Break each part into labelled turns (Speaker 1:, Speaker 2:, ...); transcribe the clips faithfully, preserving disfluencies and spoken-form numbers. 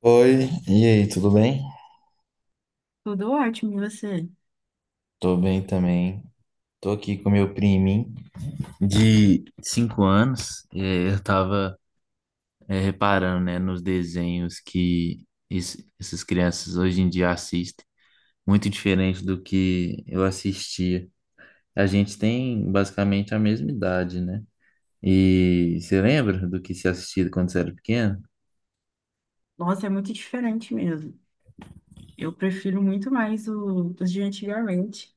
Speaker 1: Oi, e aí, tudo bem?
Speaker 2: Tudo ótimo, e você?
Speaker 1: Tô bem também. Tô aqui com meu priminho de cinco anos. É, eu tava é, reparando, né, nos desenhos que es- essas crianças hoje em dia assistem, muito diferente do que eu assistia. A gente tem basicamente a mesma idade, né? E você lembra do que se assistia quando você era pequeno?
Speaker 2: Nossa, é muito diferente mesmo. Eu prefiro muito mais o, os de antigamente.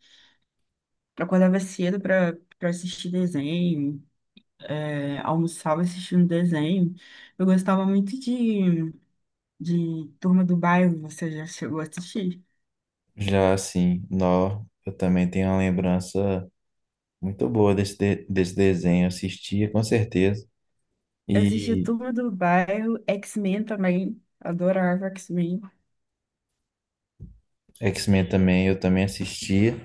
Speaker 2: Eu acordava cedo para para assistir desenho, é, almoçava assistindo desenho. Eu gostava muito de, de Turma do Bairro, você já chegou a assistir?
Speaker 1: Já assim, nó, eu também tenho uma lembrança muito boa desse, de- desse desenho. Eu assistia com certeza.
Speaker 2: Eu assistia
Speaker 1: E
Speaker 2: Turma do Bairro, X-Men também, adorava X-Men.
Speaker 1: X-Men também, eu também assistia,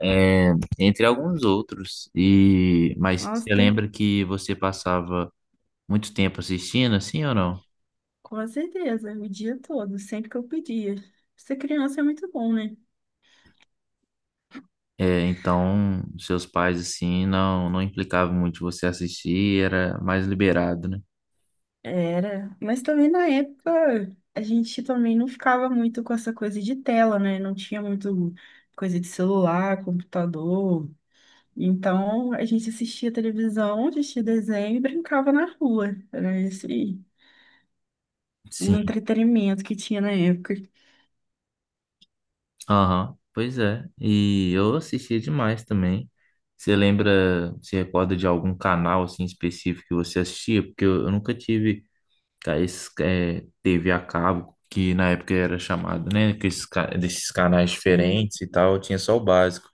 Speaker 1: é, entre alguns outros. E mas
Speaker 2: Nossa,
Speaker 1: você
Speaker 2: tem
Speaker 1: lembra que você passava muito tempo assistindo, assim ou não?
Speaker 2: com certeza, o dia todo, sempre que eu pedia. Ser criança é muito bom, né?
Speaker 1: É, então seus pais assim não não implicavam muito você assistir, era mais liberado, né?
Speaker 2: Era, mas também na época a gente também não ficava muito com essa coisa de tela, né? Não tinha muito coisa de celular, computador. Então a gente assistia televisão, assistia desenho e brincava na rua. Era esse o
Speaker 1: Sim.
Speaker 2: entretenimento que tinha na época.
Speaker 1: Aham. Pois é. E eu assistia demais também. Você lembra, se recorda de algum canal assim específico que você assistia? Porque eu eu nunca tive. Cara, esse, é, T V a cabo, que na época era chamado, né? Que esses, ca- desses canais
Speaker 2: É,
Speaker 1: diferentes e tal, tinha só o básico.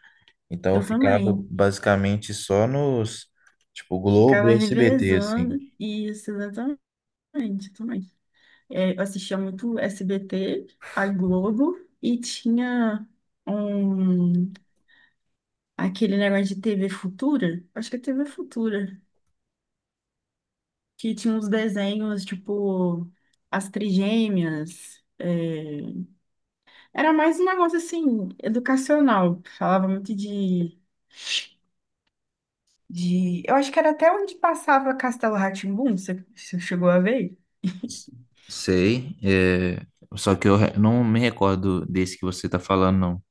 Speaker 1: Então eu
Speaker 2: eu
Speaker 1: ficava
Speaker 2: também
Speaker 1: basicamente só nos, tipo,
Speaker 2: ficava
Speaker 1: Globo e S B T,
Speaker 2: revezando
Speaker 1: assim.
Speaker 2: e isso exatamente, eu também. É, eu assistia muito S B T, a Globo e tinha um. aquele negócio de T V Futura, acho que é T V Futura, que tinha uns desenhos tipo As Trigêmeas. é, Era mais um negócio assim, educacional. Falava muito de, de. Eu acho que era até onde passava Castelo rá tim você, você chegou a ver?
Speaker 1: Sei, é, só que eu re- não me recordo desse que você tá falando, não.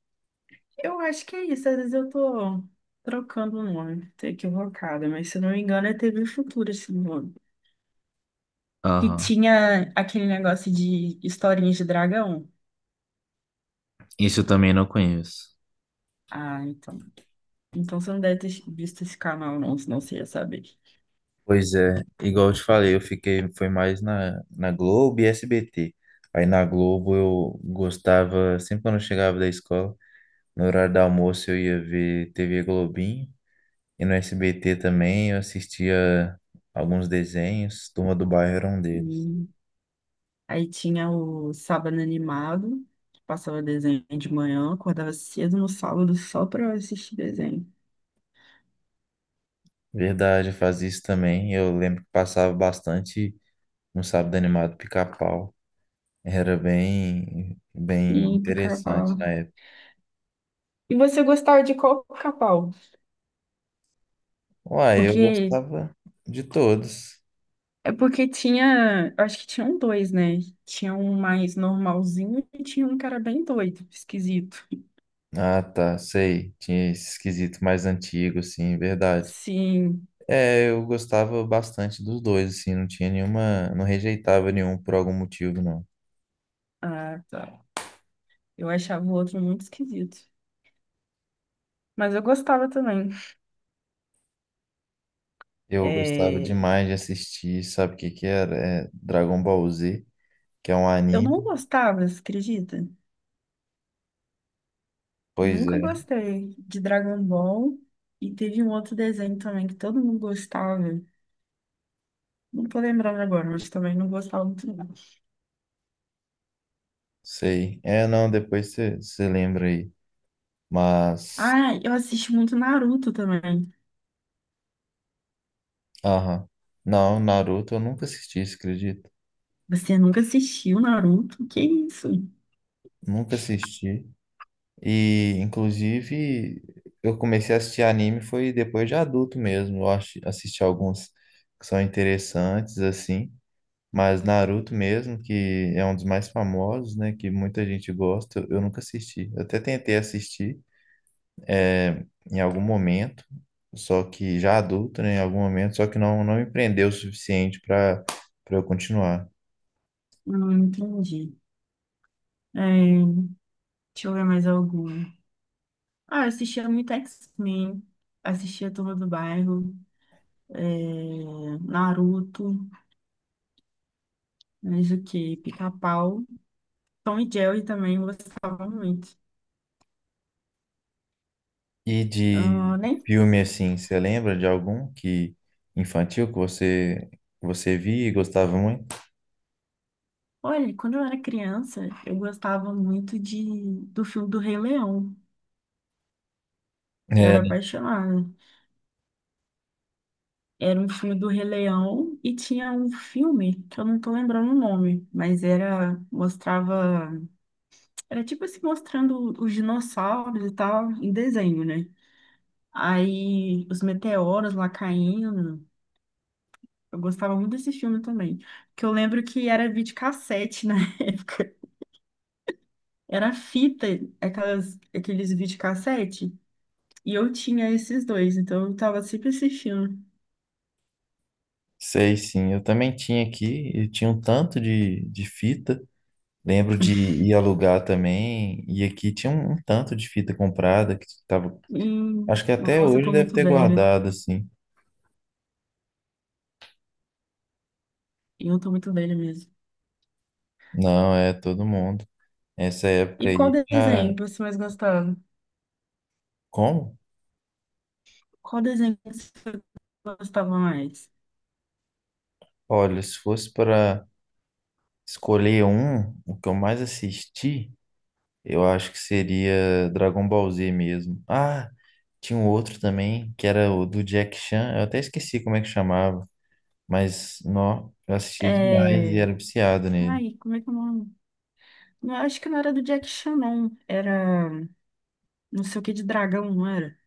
Speaker 2: Eu acho que é isso, às vezes eu tô trocando o nome, tô equivocada, mas se eu não me engano é T V Futura esse nome. Que
Speaker 1: Aham.
Speaker 2: tinha aquele negócio de historinhas de dragão.
Speaker 1: Isso eu também não conheço.
Speaker 2: Ah, então. Então você não deve ter visto esse canal, não, senão você ia saber.
Speaker 1: Pois é, igual eu te falei, eu fiquei, foi mais na, na Globo e S B T. Aí na Globo eu gostava, sempre quando eu chegava da escola, no horário do almoço eu ia ver T V Globinho, e no S B T também eu assistia alguns desenhos, Turma do Bairro era um deles.
Speaker 2: E aí tinha o Sábado Animado, que passava desenho de manhã, acordava cedo no sábado só pra assistir desenho.
Speaker 1: Verdade, eu fazia isso também. Eu lembro que passava bastante no Sábado Animado Pica-Pau. Era bem,
Speaker 2: E
Speaker 1: bem interessante na
Speaker 2: pica-pau.
Speaker 1: época.
Speaker 2: E você gostava de qual pica-pau?
Speaker 1: Uai, eu
Speaker 2: Porque
Speaker 1: gostava de todos.
Speaker 2: é porque tinha, eu acho que tinham dois, né? Tinha um mais normalzinho e tinha um que era bem doido, esquisito.
Speaker 1: Ah, tá, sei. Tinha esse esquisito mais antigo, sim, verdade.
Speaker 2: Sim,
Speaker 1: É, eu gostava bastante dos dois, assim, não tinha nenhuma, não rejeitava nenhum por algum motivo, não.
Speaker 2: ah, eu achava o outro muito esquisito. Mas eu gostava também.
Speaker 1: Eu gostava
Speaker 2: É,
Speaker 1: demais de assistir, sabe o que que era? É Dragon Ball Z, que é um
Speaker 2: eu
Speaker 1: anime.
Speaker 2: não gostava, você acredita?
Speaker 1: Pois
Speaker 2: Nunca
Speaker 1: é,
Speaker 2: gostei de Dragon Ball. E teve um outro desenho também que todo mundo gostava. Não tô lembrando agora, mas também não gostava muito não.
Speaker 1: sei. É, não, depois você lembra aí. Mas,
Speaker 2: Ah, eu assisti muito Naruto também.
Speaker 1: aham. Não, Naruto eu nunca assisti, você acredita?
Speaker 2: Você nunca assistiu Naruto? Que isso?
Speaker 1: Nunca assisti. E, inclusive, eu comecei a assistir anime foi depois de adulto mesmo. Eu acho- assisti alguns que são interessantes, assim. Mas Naruto mesmo, que é um dos mais famosos, né? Que muita gente gosta, eu nunca assisti. Eu até tentei assistir eh, em algum momento, só que já adulto, né? Em algum momento, só que não, não me prendeu o suficiente para para eu continuar.
Speaker 2: Não, não entendi. É, deixa eu ver mais algum. Ah, eu assistia muito X-Men. Assistia a Turma do Bairro. é, Naruto. Mas o quê? Pica-pau. Tom e Jerry também eu gostava muito.
Speaker 1: E
Speaker 2: Ah,
Speaker 1: de
Speaker 2: nem...
Speaker 1: filme assim, você lembra de algum que infantil que você que você via e gostava muito?
Speaker 2: Olha, quando eu era criança, eu gostava muito de... do filme do Rei Leão. Eu
Speaker 1: É,
Speaker 2: era apaixonada. Era um filme do Rei Leão e tinha um filme que eu não tô lembrando o nome, mas era, mostrava, era tipo assim, mostrando os dinossauros e tal em desenho, né? Aí os meteoros lá caindo. Eu gostava muito desse filme também. Que eu lembro que era videocassete na época. Era fita, aquelas, aqueles videocassete. E eu tinha esses dois, então eu tava sempre assistindo.
Speaker 1: sei sim, eu também tinha aqui, e tinha um tanto de, de fita. Lembro de ir alugar também, e aqui tinha um, um tanto de fita comprada que tava,
Speaker 2: E,
Speaker 1: acho que até
Speaker 2: nossa, eu
Speaker 1: hoje
Speaker 2: tô
Speaker 1: deve
Speaker 2: muito
Speaker 1: ter
Speaker 2: velha.
Speaker 1: guardado, assim.
Speaker 2: Eu tô muito velha mesmo.
Speaker 1: Não, é todo mundo. Essa época
Speaker 2: E qual
Speaker 1: aí,
Speaker 2: desenho
Speaker 1: já...
Speaker 2: que você mais gostava?
Speaker 1: Como?
Speaker 2: Qual desenho que você gostava mais?
Speaker 1: Olha, se fosse para escolher um, o que eu mais assisti, eu acho que seria Dragon Ball Z mesmo. Ah, tinha um outro também, que era o do Jack Chan, eu até esqueci como é que chamava, mas nó, eu assistia demais e
Speaker 2: É...
Speaker 1: era viciado nele.
Speaker 2: Ai, como é que é o nome? Não, acho que não era do Jack Chan, não. Era não sei o que de dragão, não era?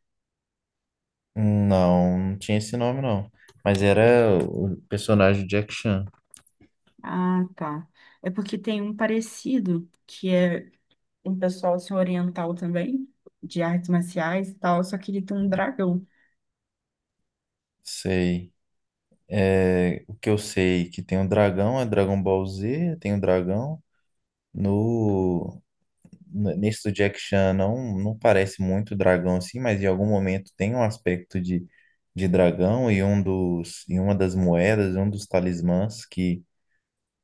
Speaker 1: Não, não tinha esse nome, não. Mas era o personagem Jack Chan.
Speaker 2: Ah, tá. É porque tem um parecido, que é um pessoal assim, oriental também, de artes marciais e tal, só que ele tem um dragão.
Speaker 1: Sei. É, o que eu sei é que tem um dragão, é Dragon Ball Z, tem um dragão. No, n- nesse do Jack Chan não, não parece muito dragão assim, mas em algum momento tem um aspecto de, de dragão e um dos, e uma das moedas, um dos talismãs que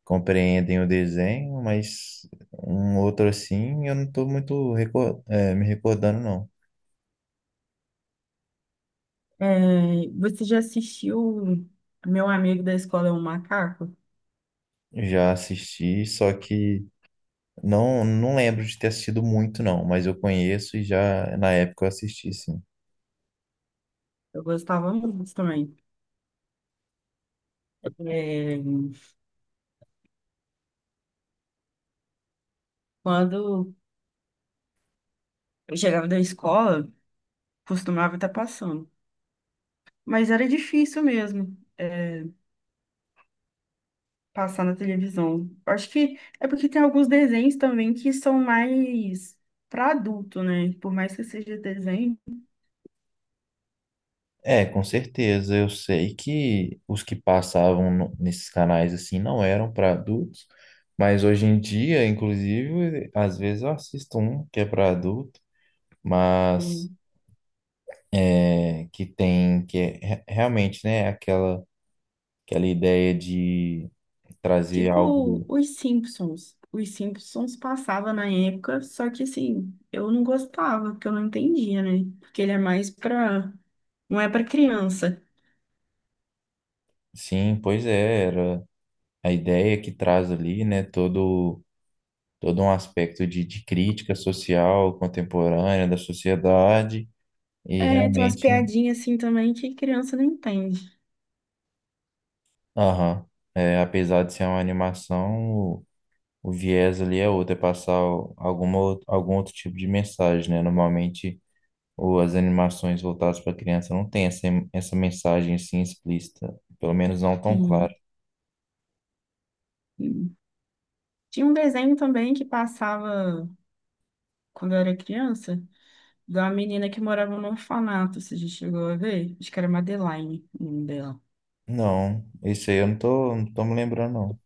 Speaker 1: compreendem o desenho, mas um outro assim eu não estou muito recor- é, me recordando, não.
Speaker 2: É, você já assistiu Meu Amigo da Escola é um Macaco?
Speaker 1: Já assisti, só que não, não lembro de ter assistido muito, não, mas eu conheço e já na época eu assisti, sim.
Speaker 2: Eu gostava muito também. É, quando eu chegava da escola, costumava estar passando. Mas era difícil mesmo, é, passar na televisão. Acho que é porque tem alguns desenhos também que são mais para adulto, né? Por mais que seja desenho,
Speaker 1: É, com certeza. Eu sei que os que passavam no- nesses canais assim não eram para adultos, mas hoje em dia, inclusive, às vezes eu assisto um que é para adulto, mas
Speaker 2: assim,
Speaker 1: é, que tem que é, re- realmente, né, aquela aquela ideia de trazer
Speaker 2: tipo,
Speaker 1: algo.
Speaker 2: os Simpsons. Os Simpsons passava na época, só que assim, eu não gostava, porque eu não entendia, né? Porque ele é mais pra. Não é pra criança.
Speaker 1: Sim, pois é, era a ideia que traz ali, né, todo, todo um aspecto de, de crítica social contemporânea da sociedade e
Speaker 2: É, tem umas
Speaker 1: realmente,
Speaker 2: piadinhas assim também que criança não entende.
Speaker 1: aham, é, apesar de ser uma animação, o, o viés ali é outro, é passar o- alguma, ou- algum outro tipo de mensagem, né? Normalmente ou as animações voltadas para criança não tem essa, essa mensagem assim explícita, pelo menos não tão clara.
Speaker 2: Sim. Sim. Tinha um desenho também que passava quando eu era criança, de uma menina que morava num orfanato, se a gente chegou a ver. Acho que era Madeline, o nome dela.
Speaker 1: Não, isso aí eu não tô, não tô me lembrando, não.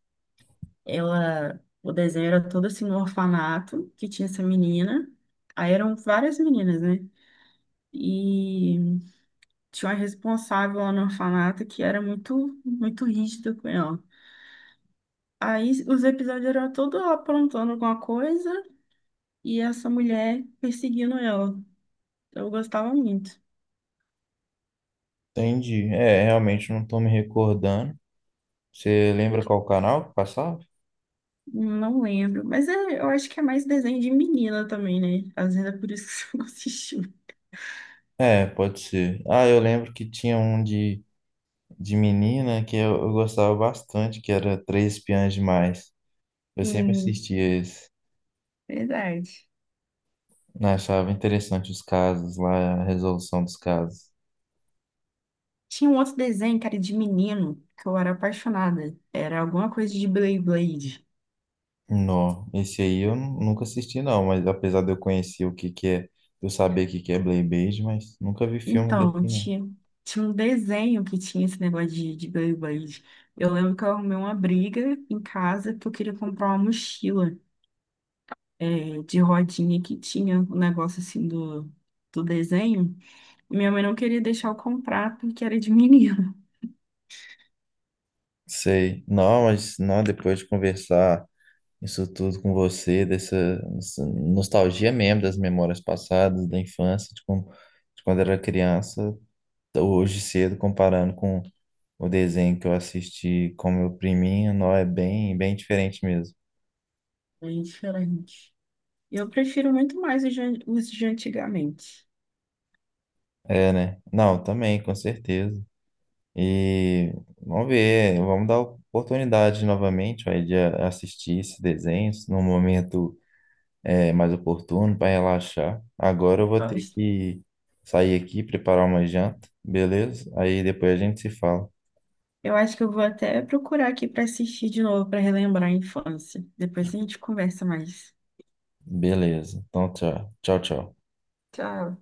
Speaker 2: Ela, o desenho era todo assim no orfanato que tinha essa menina. Aí eram várias meninas, né? E tinha uma responsável lá no orfanato que era muito, muito rígida com ela. Aí os episódios eram todos ela aprontando alguma coisa e essa mulher perseguindo ela. Eu gostava muito.
Speaker 1: Entendi. É, realmente não tô me recordando. Você lembra qual canal que passava?
Speaker 2: Não lembro, mas é- eu acho que é mais desenho de menina também, né? Às vezes é por isso que você não assistiu.
Speaker 1: É, pode ser. Ah, eu lembro que tinha um de, de menina que eu, eu gostava bastante, que era Três Espiãs Demais. Eu sempre
Speaker 2: Sim,
Speaker 1: assistia esse.
Speaker 2: verdade.
Speaker 1: Né, achava interessante os casos lá, a resolução dos casos.
Speaker 2: Tinha um outro desenho, cara, de menino, que eu era apaixonada. Era alguma coisa de Beyblade.
Speaker 1: Não, esse aí eu nu- nunca assisti não, mas apesar de eu conhecer o que que é, eu saber o que que é Blade Blade, mas nunca vi filme desse
Speaker 2: Então,
Speaker 1: não.
Speaker 2: tinha, tinha um desenho que tinha esse negócio de, de Beyblade. Eu lembro que eu arrumei uma briga em casa porque eu queria comprar uma mochila é, de rodinha que tinha um negócio assim do, do desenho. E minha mãe não queria deixar eu comprar porque era de menino.
Speaker 1: Sei. Não, mas não, depois de conversar isso tudo com você, dessa, dessa nostalgia mesmo das memórias passadas, da infância, de, como, de quando era criança, hoje cedo, comparando com o desenho que eu assisti com meu priminho, não é bem, bem diferente mesmo.
Speaker 2: É diferente. Eu prefiro muito mais os de, os de antigamente.
Speaker 1: É, né? Não, também, com certeza. E vamos ver, vamos dar oportunidade novamente, vai, de a- assistir esse desenho num momento é mais oportuno para relaxar. Agora eu vou ter que sair aqui, preparar uma janta, beleza? Aí depois a gente se fala.
Speaker 2: Eu acho que eu vou até procurar aqui para assistir de novo, para relembrar a infância. Depois a gente conversa mais.
Speaker 1: Beleza. Então, tchau. Tchau, tchau.
Speaker 2: Tchau.